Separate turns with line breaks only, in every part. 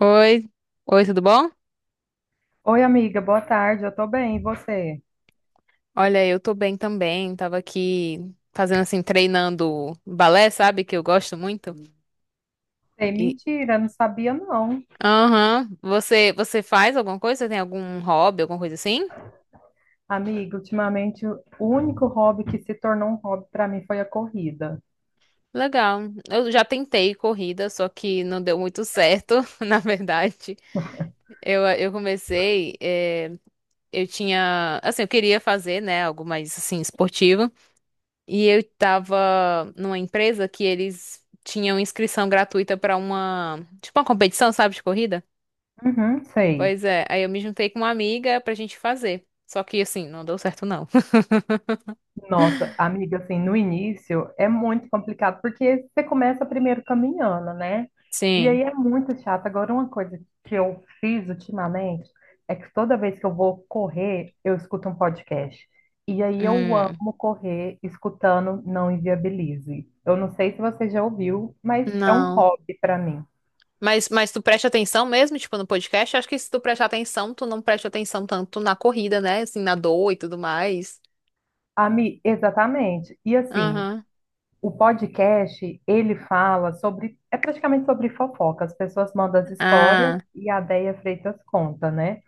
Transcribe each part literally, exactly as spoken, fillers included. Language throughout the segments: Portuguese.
Oi, oi, tudo bom?
Oi, amiga, boa tarde. Eu tô bem, e você?
Olha, eu tô bem também. Tava aqui fazendo assim, treinando balé, sabe? Que eu gosto muito.
Ei,
E
mentira, não sabia não.
aham, Você você faz alguma coisa? Você tem algum hobby, alguma coisa assim?
Amiga, ultimamente o único hobby que se tornou um hobby pra mim foi a corrida.
Legal. Eu já tentei corrida, só que não deu muito certo, na verdade. Eu, eu comecei, eh, eu tinha, assim, eu queria fazer, né, algo mais assim esportivo. E eu tava numa empresa que eles tinham inscrição gratuita pra uma, tipo uma competição, sabe, de corrida?
Uhum, sei.
Pois é, aí eu me juntei com uma amiga pra gente fazer. Só que assim, não deu certo não.
Nossa, amiga, assim, no início é muito complicado, porque você começa primeiro caminhando, né? E
Sim.
aí é muito chato. Agora, uma coisa que eu fiz ultimamente é que toda vez que eu vou correr, eu escuto um podcast. E aí eu
Hum.
amo correr escutando Não Inviabilize. Eu não sei se você já ouviu, mas é um
Não.
hobby para mim.
Mas, mas tu presta atenção mesmo, tipo, no podcast? Acho que se tu prestar atenção, tu não presta atenção tanto na corrida, né? Assim, na dor e tudo mais.
Ami, exatamente. E assim,
Aham.
o podcast, ele fala sobre, é praticamente sobre fofoca. As pessoas mandam as histórias
Ah.
e a Déia Freitas conta, né?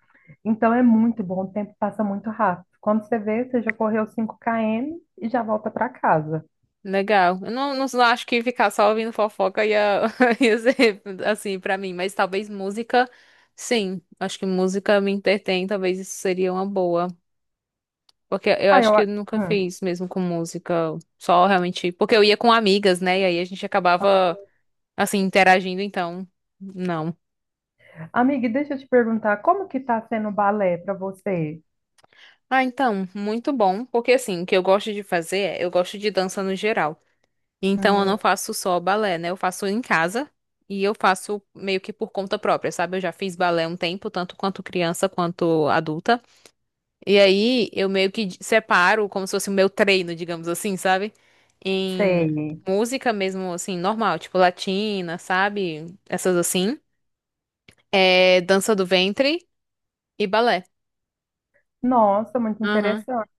Então é muito bom, o tempo passa muito rápido. Quando você vê, você já correu cinco quilômetros e já volta para casa.
Legal. Eu não, não, não acho que ficar só ouvindo fofoca ia, ia ser assim pra mim, mas talvez música, sim. Acho que música me entretém, talvez isso seria uma boa. Porque eu
Aí
acho
eu,
que eu nunca
hum.
fiz mesmo com música, só realmente. Porque eu ia com amigas, né? E aí a gente acabava, assim, interagindo, então, não.
Amiga, e deixa eu te perguntar, como que tá sendo o balé para você?
Ah, então, muito bom. Porque assim, o que eu gosto de fazer é, eu gosto de dança no geral. Então eu
Hum,
não faço só balé, né? Eu faço em casa e eu faço meio que por conta própria, sabe? Eu já fiz balé um tempo, tanto quanto criança quanto adulta. E aí eu meio que d- separo como se fosse o meu treino, digamos assim, sabe? Em
sei.
música mesmo, assim, normal, tipo latina, sabe? Essas assim. É dança do ventre e balé.
Nossa, muito interessante.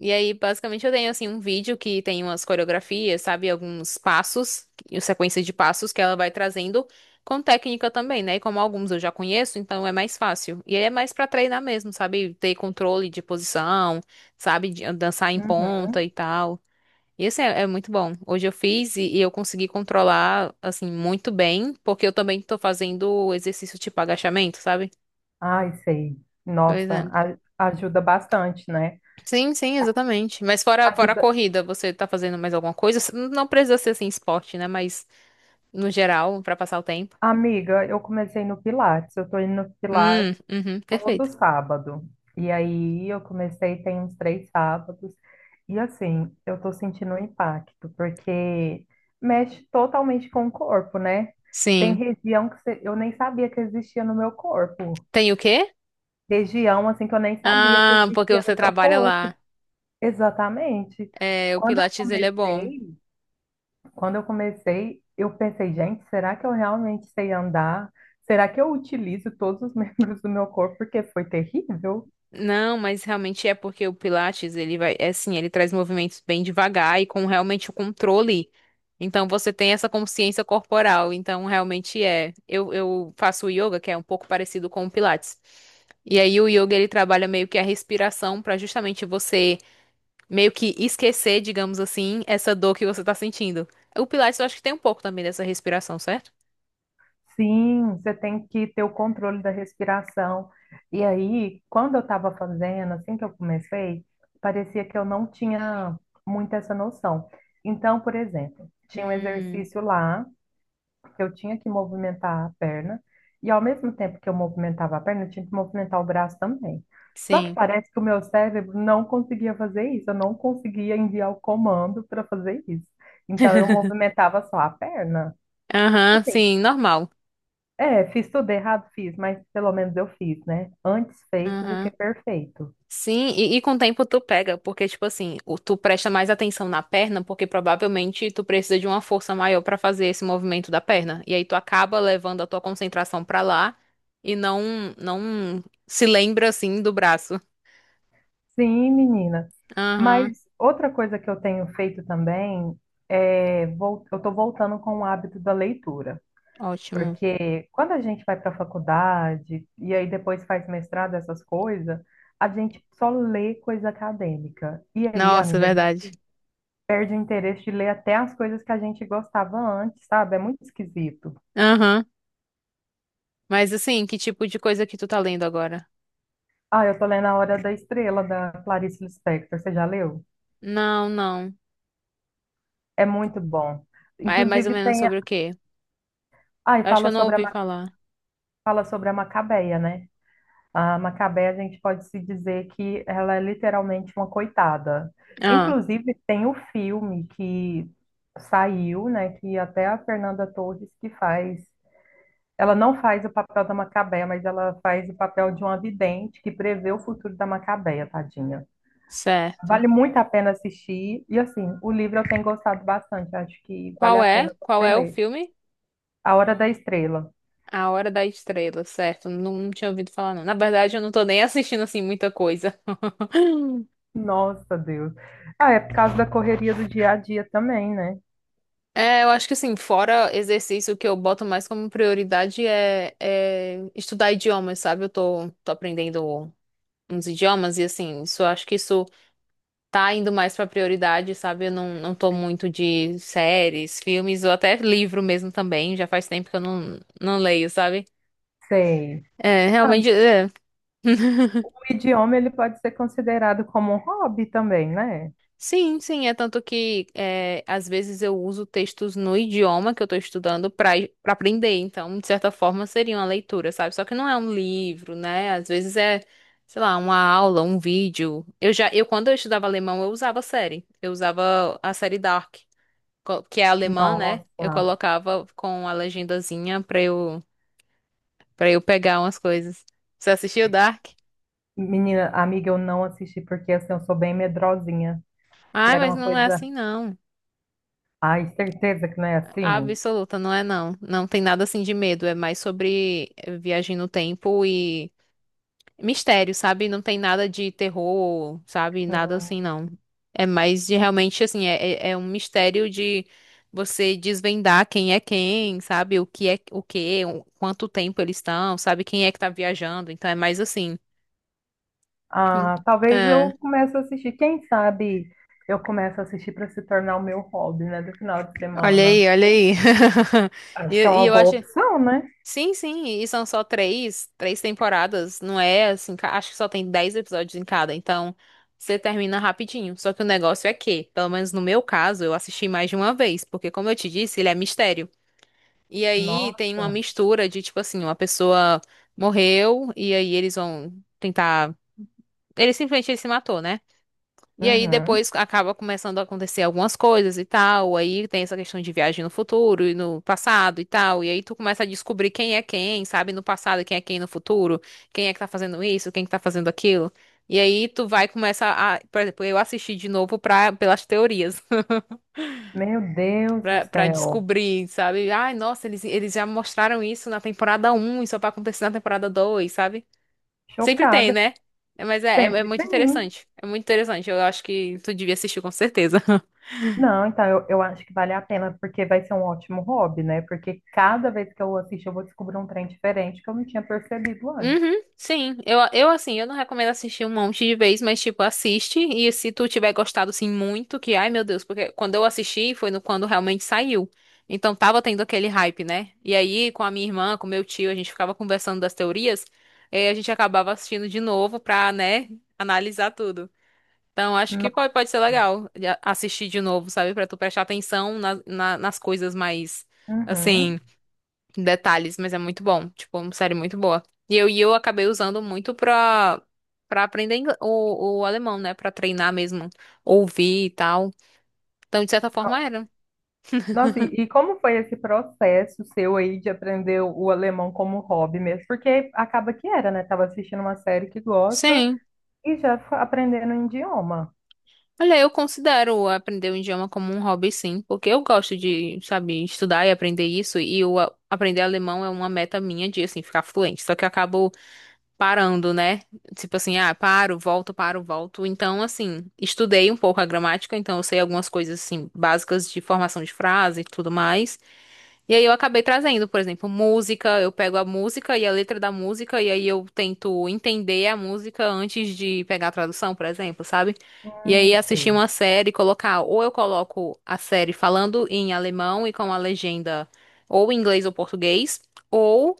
E aí, basicamente, eu tenho assim um vídeo que tem umas coreografias, sabe? Alguns passos, e sequência de passos que ela vai trazendo com técnica também, né? E como alguns eu já conheço, então é mais fácil. E aí é mais pra treinar mesmo, sabe? Ter controle de posição, sabe? De dançar em ponta
Uhum.
e tal. E esse é, é muito bom. Hoje eu fiz e, e eu consegui controlar, assim, muito bem, porque eu também tô fazendo exercício tipo agachamento, sabe?
Ai, sei.
Pois
Nossa,
é.
a- ajuda bastante, né?
Sim, sim, exatamente. Mas fora, fora a
Ajuda
corrida, você tá fazendo mais alguma coisa? Não precisa ser assim, esporte, né? Mas no geral, pra passar o tempo.
Amiga, eu comecei no Pilates. Eu tô indo no
Hum,
Pilates
uhum, perfeito.
todo sábado. E aí eu comecei tem uns três sábados. E assim, eu tô sentindo um impacto, porque mexe totalmente com o corpo, né? Tem
Sim.
região que você- eu nem sabia que existia no meu corpo.
Tem o quê?
Região assim que eu nem sabia que
Ah, porque
existia
você
no meu
trabalha
corpo.
lá.
Exatamente.
É, o
Quando eu
Pilates, ele é bom.
comecei, quando eu comecei, eu pensei, gente, será que eu realmente sei andar? Será que eu utilizo todos os membros do meu corpo? Porque foi terrível.
Não, mas realmente é porque o Pilates, ele vai, é assim, ele traz movimentos bem devagar e com realmente o controle. Então você tem essa consciência corporal. Então realmente é. Eu, eu faço yoga, que é um pouco parecido com o Pilates. E aí o yoga ele trabalha meio que a respiração para justamente você meio que esquecer, digamos assim, essa dor que você tá sentindo. O Pilates eu acho que tem um pouco também dessa respiração, certo?
Sim, você tem que ter o controle da respiração. E aí, quando eu estava fazendo, assim que eu comecei, parecia que eu não tinha muito essa noção. Então, por exemplo, tinha um
Hum,
exercício lá que eu tinha que movimentar a perna, e ao mesmo tempo que eu movimentava a perna, eu tinha que movimentar o braço também. Só que
sim.
parece que o meu cérebro não conseguia fazer isso, eu não conseguia enviar o comando para fazer isso. Então eu movimentava só a perna.
Aham,
Assim,
sim, normal.
é, fiz tudo errado, fiz, mas pelo menos eu fiz, né? Antes feito do que
Aham.
perfeito.
Sim, e, e com o tempo tu pega, porque, tipo assim, o- tu presta mais atenção na perna, porque provavelmente tu precisa de uma força maior pra fazer esse movimento da perna. E aí tu acaba levando a tua concentração pra lá e não, não se lembra, assim, do braço.
Sim, menina.
Aham,
Mas outra coisa que eu tenho feito também é, vol- eu estou voltando com o hábito da leitura.
ótimo.
Porque quando a gente vai para a faculdade e aí depois faz mestrado, essas coisas, a gente só lê coisa acadêmica. E aí,
Nossa,
amiga, a
verdade.
gente perde o interesse de ler até as coisas que a gente gostava antes, sabe? É muito esquisito.
Aham. Mas, assim, que tipo de coisa que tu tá lendo agora?
Ah, eu tô lendo A Hora da Estrela, da Clarice Lispector. Você já leu?
Não, não.
É muito bom.
Mas é mais ou
Inclusive
menos
tem.
sobre o quê?
Ah, e
Eu acho que
fala
eu não
sobre a,
ouvi
Ma-
falar.
fala sobre a Macabeia, né? A Macabé, a gente pode se dizer que ela é literalmente uma coitada.
Ah,
Inclusive, tem o filme que saiu, né, que até a Fernanda Torres que faz. Ela não faz o papel da Macabé, mas ela faz o papel de uma vidente que prevê o futuro da Macabé, tadinha.
certo.
Vale muito a pena assistir. E assim, o livro eu tenho gostado bastante, acho que vale
Qual
a
é?
pena
Qual
você
é o
ler.
filme?
A Hora da Estrela.
A Hora da Estrela, certo? Não, não tinha ouvido falar, não. Na verdade, eu não tô nem assistindo, assim, muita coisa.
Nossa, Deus. Ah, é por causa da correria do dia a dia também, né?
É, eu acho que, assim, fora exercício, o que eu boto mais como prioridade é, é estudar idiomas, sabe? Eu tô, tô aprendendo uns idiomas e, assim, isso, eu acho que isso tá indo mais pra prioridade, sabe? Eu não, não tô muito de séries, filmes ou até livro mesmo também. Já faz tempo que eu não, não leio, sabe?
Sei.
É,
Ah,
realmente. É.
o idioma ele pode ser considerado como um hobby também, né?
Sim, sim, é tanto que é, às vezes eu uso textos no idioma que eu estou estudando para para aprender, então, de certa forma, seria uma leitura, sabe? Só que não é um livro, né? Às vezes é, sei lá, uma aula, um vídeo. Eu já, eu quando eu estudava alemão, eu usava série. Eu usava a série Dark, co- que é alemã, né? Eu
Nossa,
colocava com a legendazinha para eu para eu pegar umas coisas. Você assistiu Dark?
menina, amiga, eu não assisti porque assim, eu sou bem medrosinha. E
Ai,
era
mas
uma
não é
coisa.
assim não.
Ai, certeza que não é assim?
Absoluta, não é não. Não tem nada assim de medo, é mais sobre eh, viagem no tempo e mistério, sabe? Não tem nada de terror, sabe? Nada
Hum.
assim, não. É mais de realmente assim, é, é é um mistério de você desvendar quem é quem, sabe? O que é o que, quanto tempo eles estão, sabe? Quem é que tá viajando, então é mais assim.
Ah, talvez
É.
eu comece a assistir. Quem sabe eu começo a assistir para se tornar o meu hobby, né? Do final de
Olha
semana.
aí, olha aí. E,
Acho que é
e
uma
eu
boa
acho
opção, né?
Sim, sim, e são só três, três temporadas, não é assim, ca- acho que só tem dez episódios em cada, então você termina rapidinho. Só que o negócio é que, pelo menos no meu caso, eu assisti mais de uma vez, porque como eu te disse, ele é mistério. E aí tem uma
Nossa.
mistura de, tipo assim, uma pessoa morreu, e aí eles vão tentar. Ele simplesmente ele se matou, né? E aí
Uhum.
depois acaba começando a acontecer algumas coisas e tal. Aí tem essa questão de viagem no futuro e no passado e tal. E aí tu começa a descobrir quem é quem, sabe? No passado, quem é quem no futuro, quem é que tá fazendo isso, quem que tá fazendo aquilo. E aí tu vai começar a, por exemplo, eu assisti de novo pra, pelas teorias,
Meu Deus do
pra, pra
céu.
descobrir, sabe? Ai, nossa, eles, eles já mostraram isso na temporada um e só vai acontecer na temporada dois sabe? Sempre tem,
Chocada.
né? É, mas é, é é
Sempre
muito
tem.
interessante. É muito interessante. Eu acho que tu devia assistir com certeza.
Não, então eu, eu acho que vale a pena, porque vai ser um ótimo hobby, né? Porque cada vez que eu assisto, eu vou descobrir um trem diferente que eu não tinha percebido antes.
Uhum, sim, eu, eu assim, eu não recomendo assistir um monte de vez, mas tipo, assiste e se tu tiver gostado assim muito, que ai meu Deus, porque quando eu assisti foi no, quando realmente saiu. Então tava tendo aquele hype, né? E aí com a minha irmã, com meu tio, a gente ficava conversando das teorias, e a gente acabava assistindo de novo pra, né, analisar tudo. Então acho que
No-
pode, pode ser legal de a- assistir de novo, sabe? Pra tu prestar atenção na- na- nas coisas mais,
Uhum.
assim detalhes, mas é muito bom. Tipo, é uma série muito boa. E eu, e eu acabei usando muito pra, pra aprender ingle- o, o alemão, né? Pra treinar mesmo, ouvir e tal. Então, de certa forma, era.
Nossa, e, e como foi esse processo seu aí de aprender o alemão como hobby mesmo? Porque acaba que era, né? Tava assistindo uma série que gosta
Sim.
e já fa- aprendendo um idioma.
Olha, eu considero aprender o idioma como um hobby, sim, porque eu gosto de, sabe, estudar e aprender isso, e o a- aprender alemão é uma meta minha de, assim, ficar fluente. Só que eu acabo parando, né? Tipo assim, ah, paro, volto, paro, volto. Então, assim, estudei um pouco a gramática, então eu sei algumas coisas assim básicas de formação de frase e tudo mais. E aí eu acabei trazendo, por exemplo, música, eu pego a música e a letra da música e aí eu tento entender a música antes de pegar a tradução, por exemplo, sabe? E aí
Hum,
assistir
sei.
uma série, e colocar, ou eu coloco a série falando em alemão e com a legenda ou em inglês ou português, ou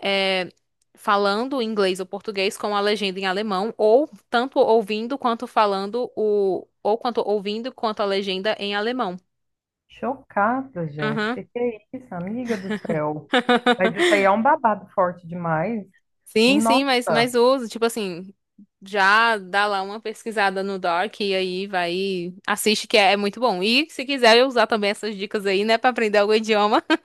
é, falando inglês ou português com a legenda em alemão, ou tanto ouvindo quanto falando o, ou quanto ouvindo quanto a legenda em alemão.
Chocada, gente.
Uhum.
Que que é isso, amiga do céu? Mas isso aí é um babado forte demais.
Sim, sim,
Nossa.
mas, mas uso, tipo assim, já dá lá uma pesquisada no Dark e aí vai, e assiste que é, é muito bom. E se quiser eu usar também essas dicas aí, né, pra aprender algum idioma.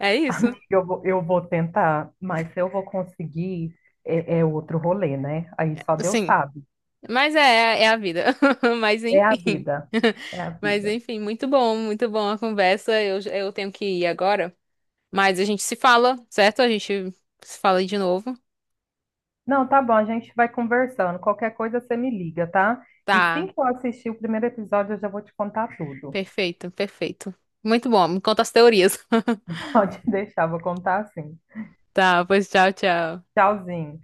É isso.
Eu vou, eu vou tentar, mas se eu vou conseguir, é, é outro rolê, né? Aí só Deus
Sim.
sabe.
Mas é, é a vida. Mas
É a
enfim.
vida. É a
Mas
vida.
enfim, muito bom, muito bom a conversa. Eu, eu tenho que ir agora. Mas a gente se fala, certo? A gente se fala aí de novo.
Não, tá bom, a gente vai conversando. Qualquer coisa você me liga, tá? E assim
Tá,
que eu assistir o primeiro episódio, eu já vou te contar tudo.
perfeito, perfeito. Muito bom. Me conta as teorias.
Pode deixar, vou contar assim.
Tá, pois tchau, tchau.
Tchauzinho.